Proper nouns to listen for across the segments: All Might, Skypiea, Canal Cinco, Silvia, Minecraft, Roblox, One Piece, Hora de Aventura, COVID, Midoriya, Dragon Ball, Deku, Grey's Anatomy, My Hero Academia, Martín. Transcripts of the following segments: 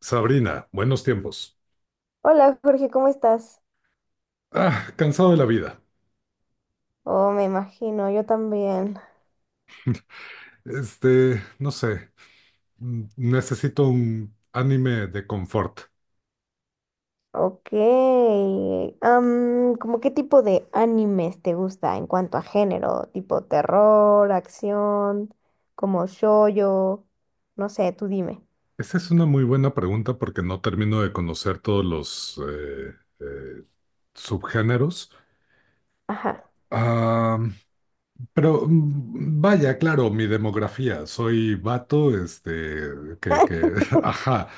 Sabrina, buenos tiempos. Hola Jorge, ¿cómo estás? Cansado de la vida. Oh, me imagino, yo también. No sé, necesito un anime de confort. Ok. ¿Cómo qué tipo de animes te gusta en cuanto a género? Tipo terror, acción, como shoujo, no sé, tú dime. Esa es una muy buena pregunta porque no termino de conocer todos los eh, subgéneros. Ajá. Ah, pero vaya, claro, mi demografía. Soy vato, que, que, ajá.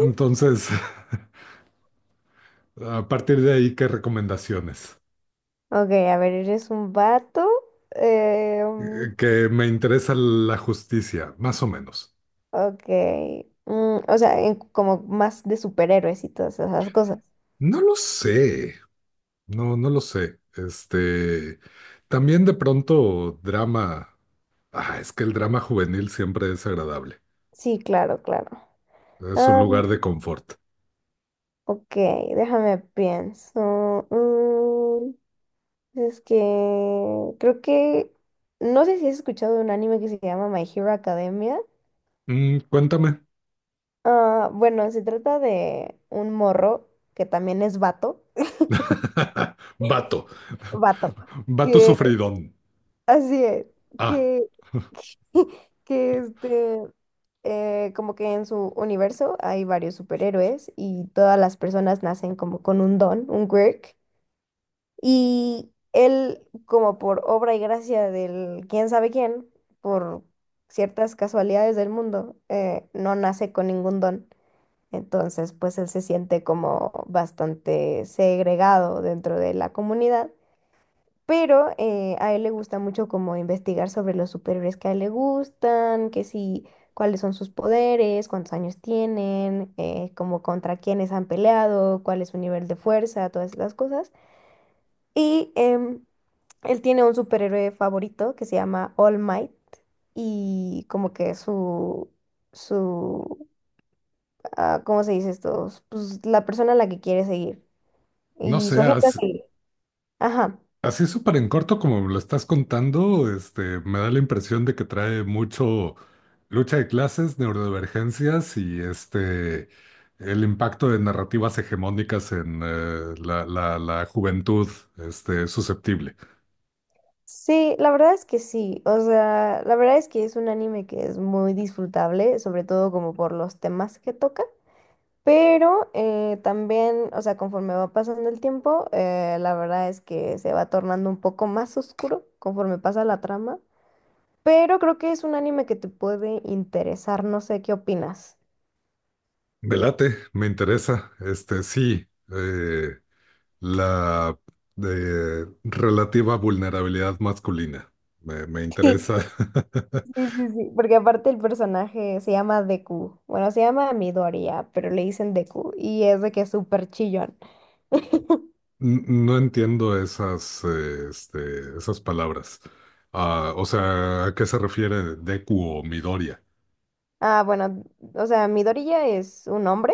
Entonces, a partir de ahí, ¿qué recomendaciones? Ok, a ver, eres un vato. eh, mm, Que me interesa la justicia, más o menos. ok. O sea, como más de superhéroes y todas esas cosas. No lo sé, no lo sé. También de pronto drama. Es que el drama juvenil siempre es agradable. Sí, claro, claro. Es un lugar de confort. Ok, déjame pienso. Es que creo que no sé si has escuchado de un anime que se llama My Hero Academia. Mm, cuéntame. Ah, bueno, se trata de un morro que también es vato. Vato, Vato. vato Que sufridón. así es. Ah, Que, que este. Como que en su universo hay varios superhéroes y todas las personas nacen como con un don, un quirk. Y él, como por obra y gracia del quién sabe quién, por ciertas casualidades del mundo, no nace con ningún don. Entonces, pues él se siente como bastante segregado dentro de la comunidad. Pero a él le gusta mucho como investigar sobre los superhéroes que a él le gustan, que si, cuáles son sus poderes, cuántos años tienen, como contra quiénes han peleado, cuál es su nivel de fuerza, todas las cosas. Y él tiene un superhéroe favorito que se llama All Might y como que su, ¿cómo se dice esto? Pues la persona a la que quiere seguir no y su ejemplo a seas. seguir. Ajá. Así súper en corto como me lo estás contando, me da la impresión de que trae mucho lucha de clases, neurodivergencias y el impacto de narrativas hegemónicas en la juventud susceptible. Sí, la verdad es que sí. O sea, la verdad es que es un anime que es muy disfrutable, sobre todo como por los temas que toca. Pero también, o sea, conforme va pasando el tiempo, la verdad es que se va tornando un poco más oscuro conforme pasa la trama. Pero creo que es un anime que te puede interesar, no sé qué opinas. Me late, me interesa. Este, sí, la de relativa vulnerabilidad masculina. Me interesa. Sí, sí, sí, sí, porque aparte el personaje se llama Deku. Bueno, se llama Midoriya, pero le dicen Deku y es de que es súper chillón. No entiendo esas, esas palabras. Ah, o sea, ¿a qué se refiere Deku o Midoriya? Ah, bueno, o sea, Midoriya es un hombre,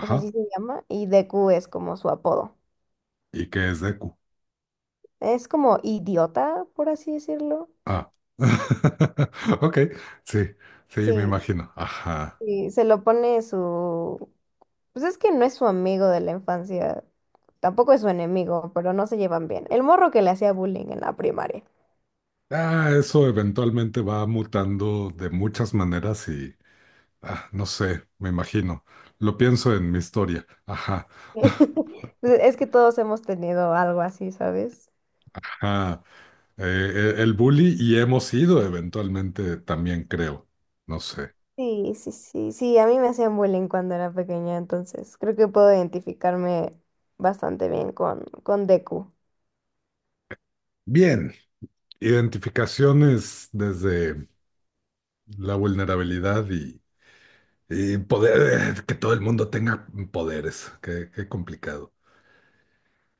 o sea, así se llama, y Deku es como su apodo. ¿Y qué es Deku? Es como idiota, por así decirlo. Ah. Ok, sí, sí, me Sí, imagino. Ajá. sí, se lo pone su... Pues es que no es su amigo de la infancia, tampoco es su enemigo, pero no se llevan bien. El morro que le hacía bullying en la primaria. Eso eventualmente va mutando de muchas maneras ah, no sé, me imagino. Lo pienso en mi historia. Ajá. Pues es que todos hemos tenido algo así, ¿sabes? Ajá. El bully y hemos ido eventualmente también, creo. No sé. Sí, sí, sí, sí, a mí me hacían bullying cuando era pequeña, entonces creo que puedo identificarme bastante bien con Deku. Bien. Identificaciones desde la vulnerabilidad y poder, que todo el mundo tenga poderes. Qué, qué complicado.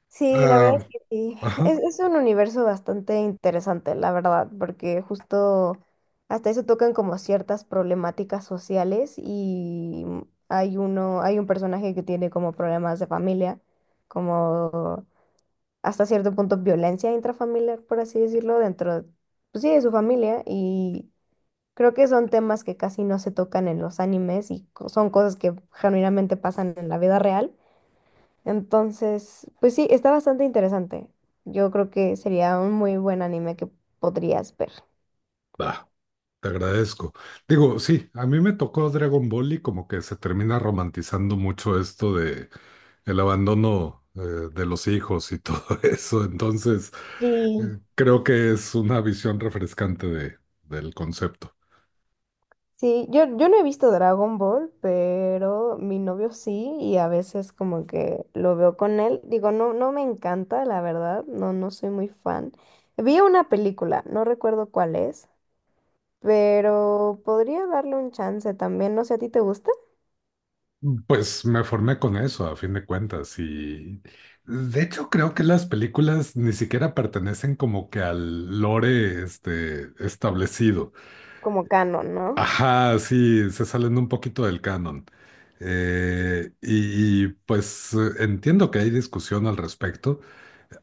Sí, la verdad Ah, es que sí. ajá, Es un universo bastante interesante, la verdad, porque justo hasta eso tocan como ciertas problemáticas sociales y hay uno, hay un personaje que tiene como problemas de familia, como hasta cierto punto violencia intrafamiliar, por así decirlo, dentro, pues sí, de su familia y creo que son temas que casi no se tocan en los animes y son cosas que genuinamente pasan en la vida real. Entonces, pues sí, está bastante interesante. Yo creo que sería un muy buen anime que podrías ver. va, te agradezco. Digo, sí, a mí me tocó Dragon Ball y como que se termina romantizando mucho esto de el abandono de los hijos y todo eso. Entonces, Sí. Creo que es una visión refrescante de, del concepto. Sí, yo no he visto Dragon Ball, pero mi novio sí, y a veces como que lo veo con él. Digo, no, no me encanta, la verdad, no, no soy muy fan. Vi una película, no recuerdo cuál es, pero podría darle un chance también. No sé, ¿a ti te gusta? Pues me formé con eso, a fin de cuentas, y de hecho creo que las películas ni siquiera pertenecen como que al lore este, establecido. Como canon, ¿no? Ajá, sí, se salen un poquito del canon. Pues entiendo que hay discusión al respecto.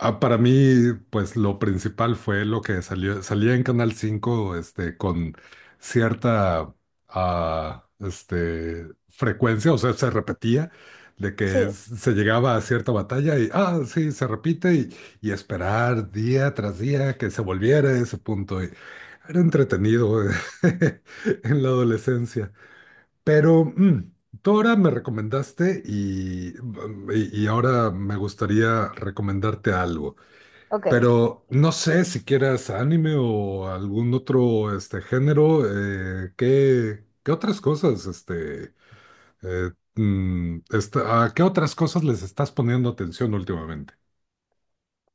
Para mí, pues lo principal fue lo que salía en Canal 5 con cierta, frecuencia, o sea, se repetía, de que Sí. se llegaba a cierta batalla y, ah, sí, se repite y esperar día tras día que se volviera a ese punto. Y era entretenido en la adolescencia. Pero tú ahora me recomendaste y ahora me gustaría recomendarte algo. Ok. Pero no sé si quieras anime o algún otro este género, ¿qué, qué otras cosas, eh, a qué otras cosas les estás poniendo atención últimamente?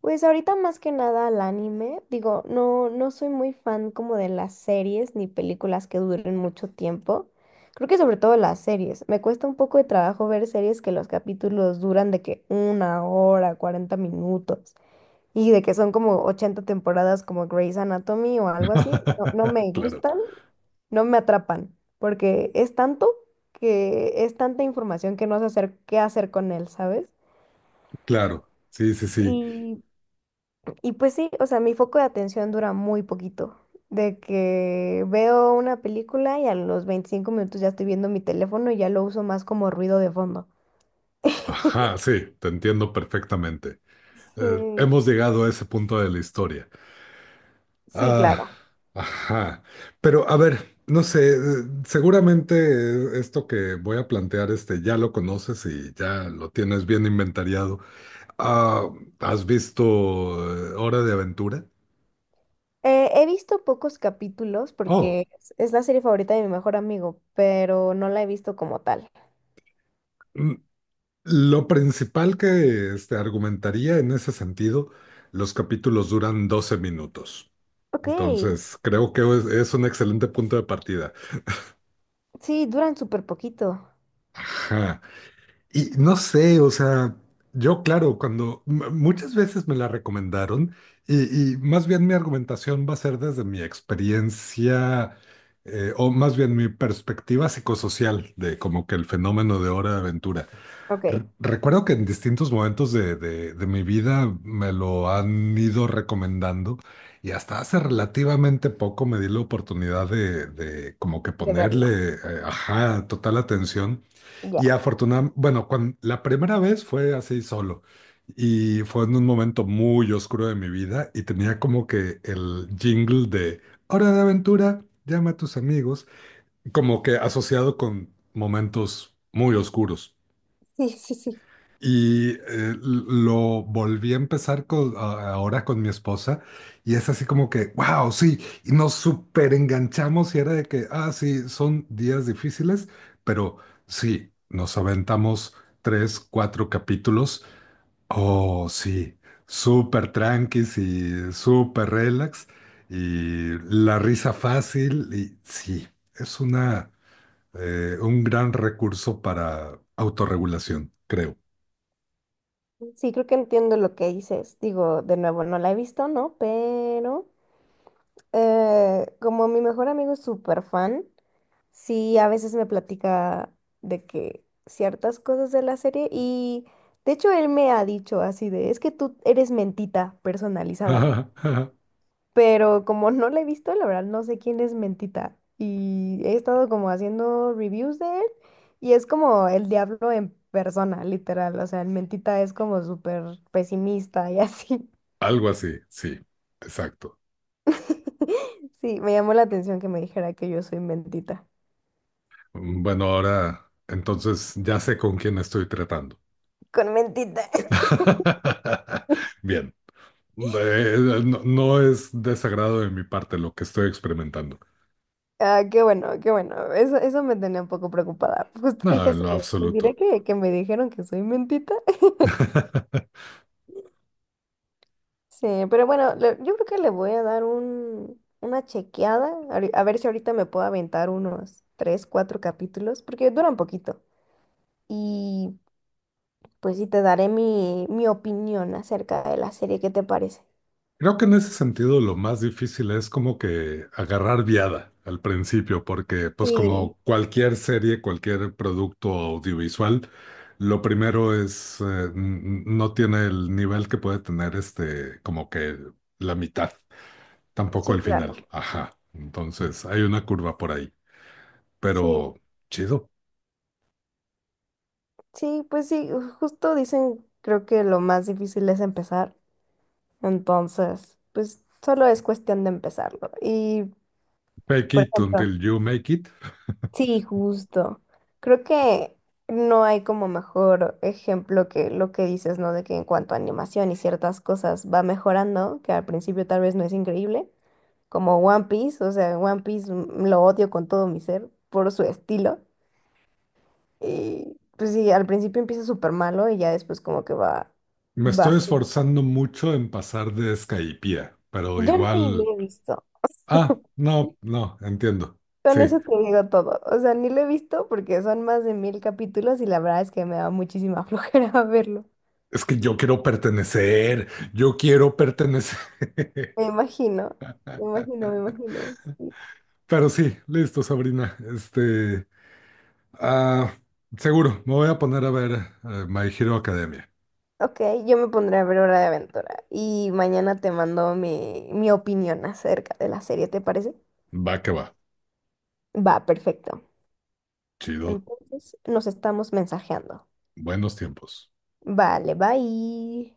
Pues ahorita más que nada al anime, digo, no, no soy muy fan como de las series ni películas que duren mucho tiempo. Creo que sobre todo las series. Me cuesta un poco de trabajo ver series que los capítulos duran de que una hora, 40 minutos y de que son como 80 temporadas como Grey's Anatomy o algo así. No, no me Claro, gustan, no me atrapan, porque es tanto que es tanta información que no sé hacer qué hacer con él, ¿sabes? claro, sí, sí, sí. Y Y pues sí, o sea, mi foco de atención dura muy poquito. De que veo una película y a los 25 minutos ya estoy viendo mi teléfono y ya lo uso más como ruido de fondo. Ajá, sí, te entiendo perfectamente. Sí, Hemos llegado a ese punto de la historia. sí, Ah, claro. ajá. Pero a ver, no sé, seguramente esto que voy a plantear, ya lo conoces y ya lo tienes bien inventariado. Ah, ¿has visto Hora de Aventura? He visto pocos capítulos Oh, porque es la serie favorita de mi mejor amigo, pero no la he visto como tal. mm, lo principal que este, argumentaría en ese sentido, los capítulos duran 12 minutos. Ok, Entonces, creo que es un excelente punto de partida. sí, duran súper poquito. Ajá. Y no sé, o sea, yo claro, cuando muchas veces me la recomendaron y más bien mi argumentación va a ser desde mi experiencia o más bien mi perspectiva psicosocial de como que el fenómeno de Hora de Aventura. Ok, Recuerdo que en distintos momentos de mi vida me lo han ido recomendando y hasta hace relativamente poco me di la oportunidad de como que de verlo. ponerle, ajá, total atención. Y Ya. afortunadamente, bueno, la primera vez fue así solo y fue en un momento muy oscuro de mi vida y tenía como que el jingle de Hora de aventura, llama a tus amigos, como que asociado con momentos muy oscuros. Sí, sí, sí. Y lo volví a empezar ahora con mi esposa y es así como que, wow, sí, y nos súper enganchamos y era de que, ah, sí, son días difíciles, pero sí, nos aventamos tres, cuatro capítulos, oh, sí, súper tranquis y súper relax y la risa fácil y sí, es una, un gran recurso para autorregulación, creo. Sí, creo que entiendo lo que dices. Digo, de nuevo, no la he visto, ¿no? Pero como mi mejor amigo es súper fan, sí, a veces me platica de que ciertas cosas de la serie y de hecho él me ha dicho así de, es que tú eres mentita personalizada, Ajá, ajá. pero como no la he visto, la verdad no sé quién es mentita y he estado como haciendo reviews de él y es como el diablo en persona, literal, o sea, el mentita es como súper pesimista y así. Algo así, sí, exacto. Sí, me llamó la atención que me dijera que yo soy mentita. Mm, bueno, ahora entonces ya sé con quién estoy tratando. Con mentita. Bien, Eh, no, no es desagrado de mi parte lo que estoy experimentando. Ah, qué bueno, qué bueno. Eso me tenía un poco preocupada. Justo dije No, en así, lo de, ¿les absoluto. diré que me dijeron que soy mentita? Sí, pero bueno, yo creo que le voy a dar un, una chequeada, a ver si ahorita me puedo aventar unos tres, cuatro capítulos, porque duran poquito. Y pues sí, te daré mi opinión acerca de la serie, ¿qué te parece? Creo que en ese sentido lo más difícil es como que agarrar viada al principio, porque pues Sí, como cualquier serie, cualquier producto audiovisual, lo primero es, no tiene el nivel que puede tener este, como que la mitad, tampoco sí, el final. claro. Ajá. Entonces hay una curva por ahí, Sí, pero chido. sí, pues sí, justo dicen, creo que lo más difícil es empezar. Entonces, pues solo es cuestión de empezarlo. Y, Fake por it ejemplo, until you make it. sí, justo. Creo que no hay como mejor ejemplo que lo que dices, ¿no? De que en cuanto a animación y ciertas cosas va mejorando, que al principio tal vez no es increíble, como One Piece, o sea, One Piece lo odio con todo mi ser por su estilo. Y pues sí, al principio empieza súper malo y ya después como que va, Me va. estoy esforzando mucho en pasar de Skypiea, pero Yo no ni igual. lo he visto. Ah, no, no, entiendo. Con Sí, eso te digo todo. O sea, ni lo he visto porque son más de 1000 capítulos y la verdad es que me da muchísima flojera verlo. es que yo quiero pertenecer, yo quiero Sí, pertenecer. me imagino, me imagino, me imagino. Sí. Pero sí, listo, Sabrina. Ah, seguro, me voy a poner a ver My Hero Academia. Ok, yo me pondré a ver Hora de Aventura y mañana te mando mi opinión acerca de la serie, ¿te parece? Va que va, Va, perfecto. chido, Entonces, nos estamos mensajeando. buenos tiempos. Vale, bye.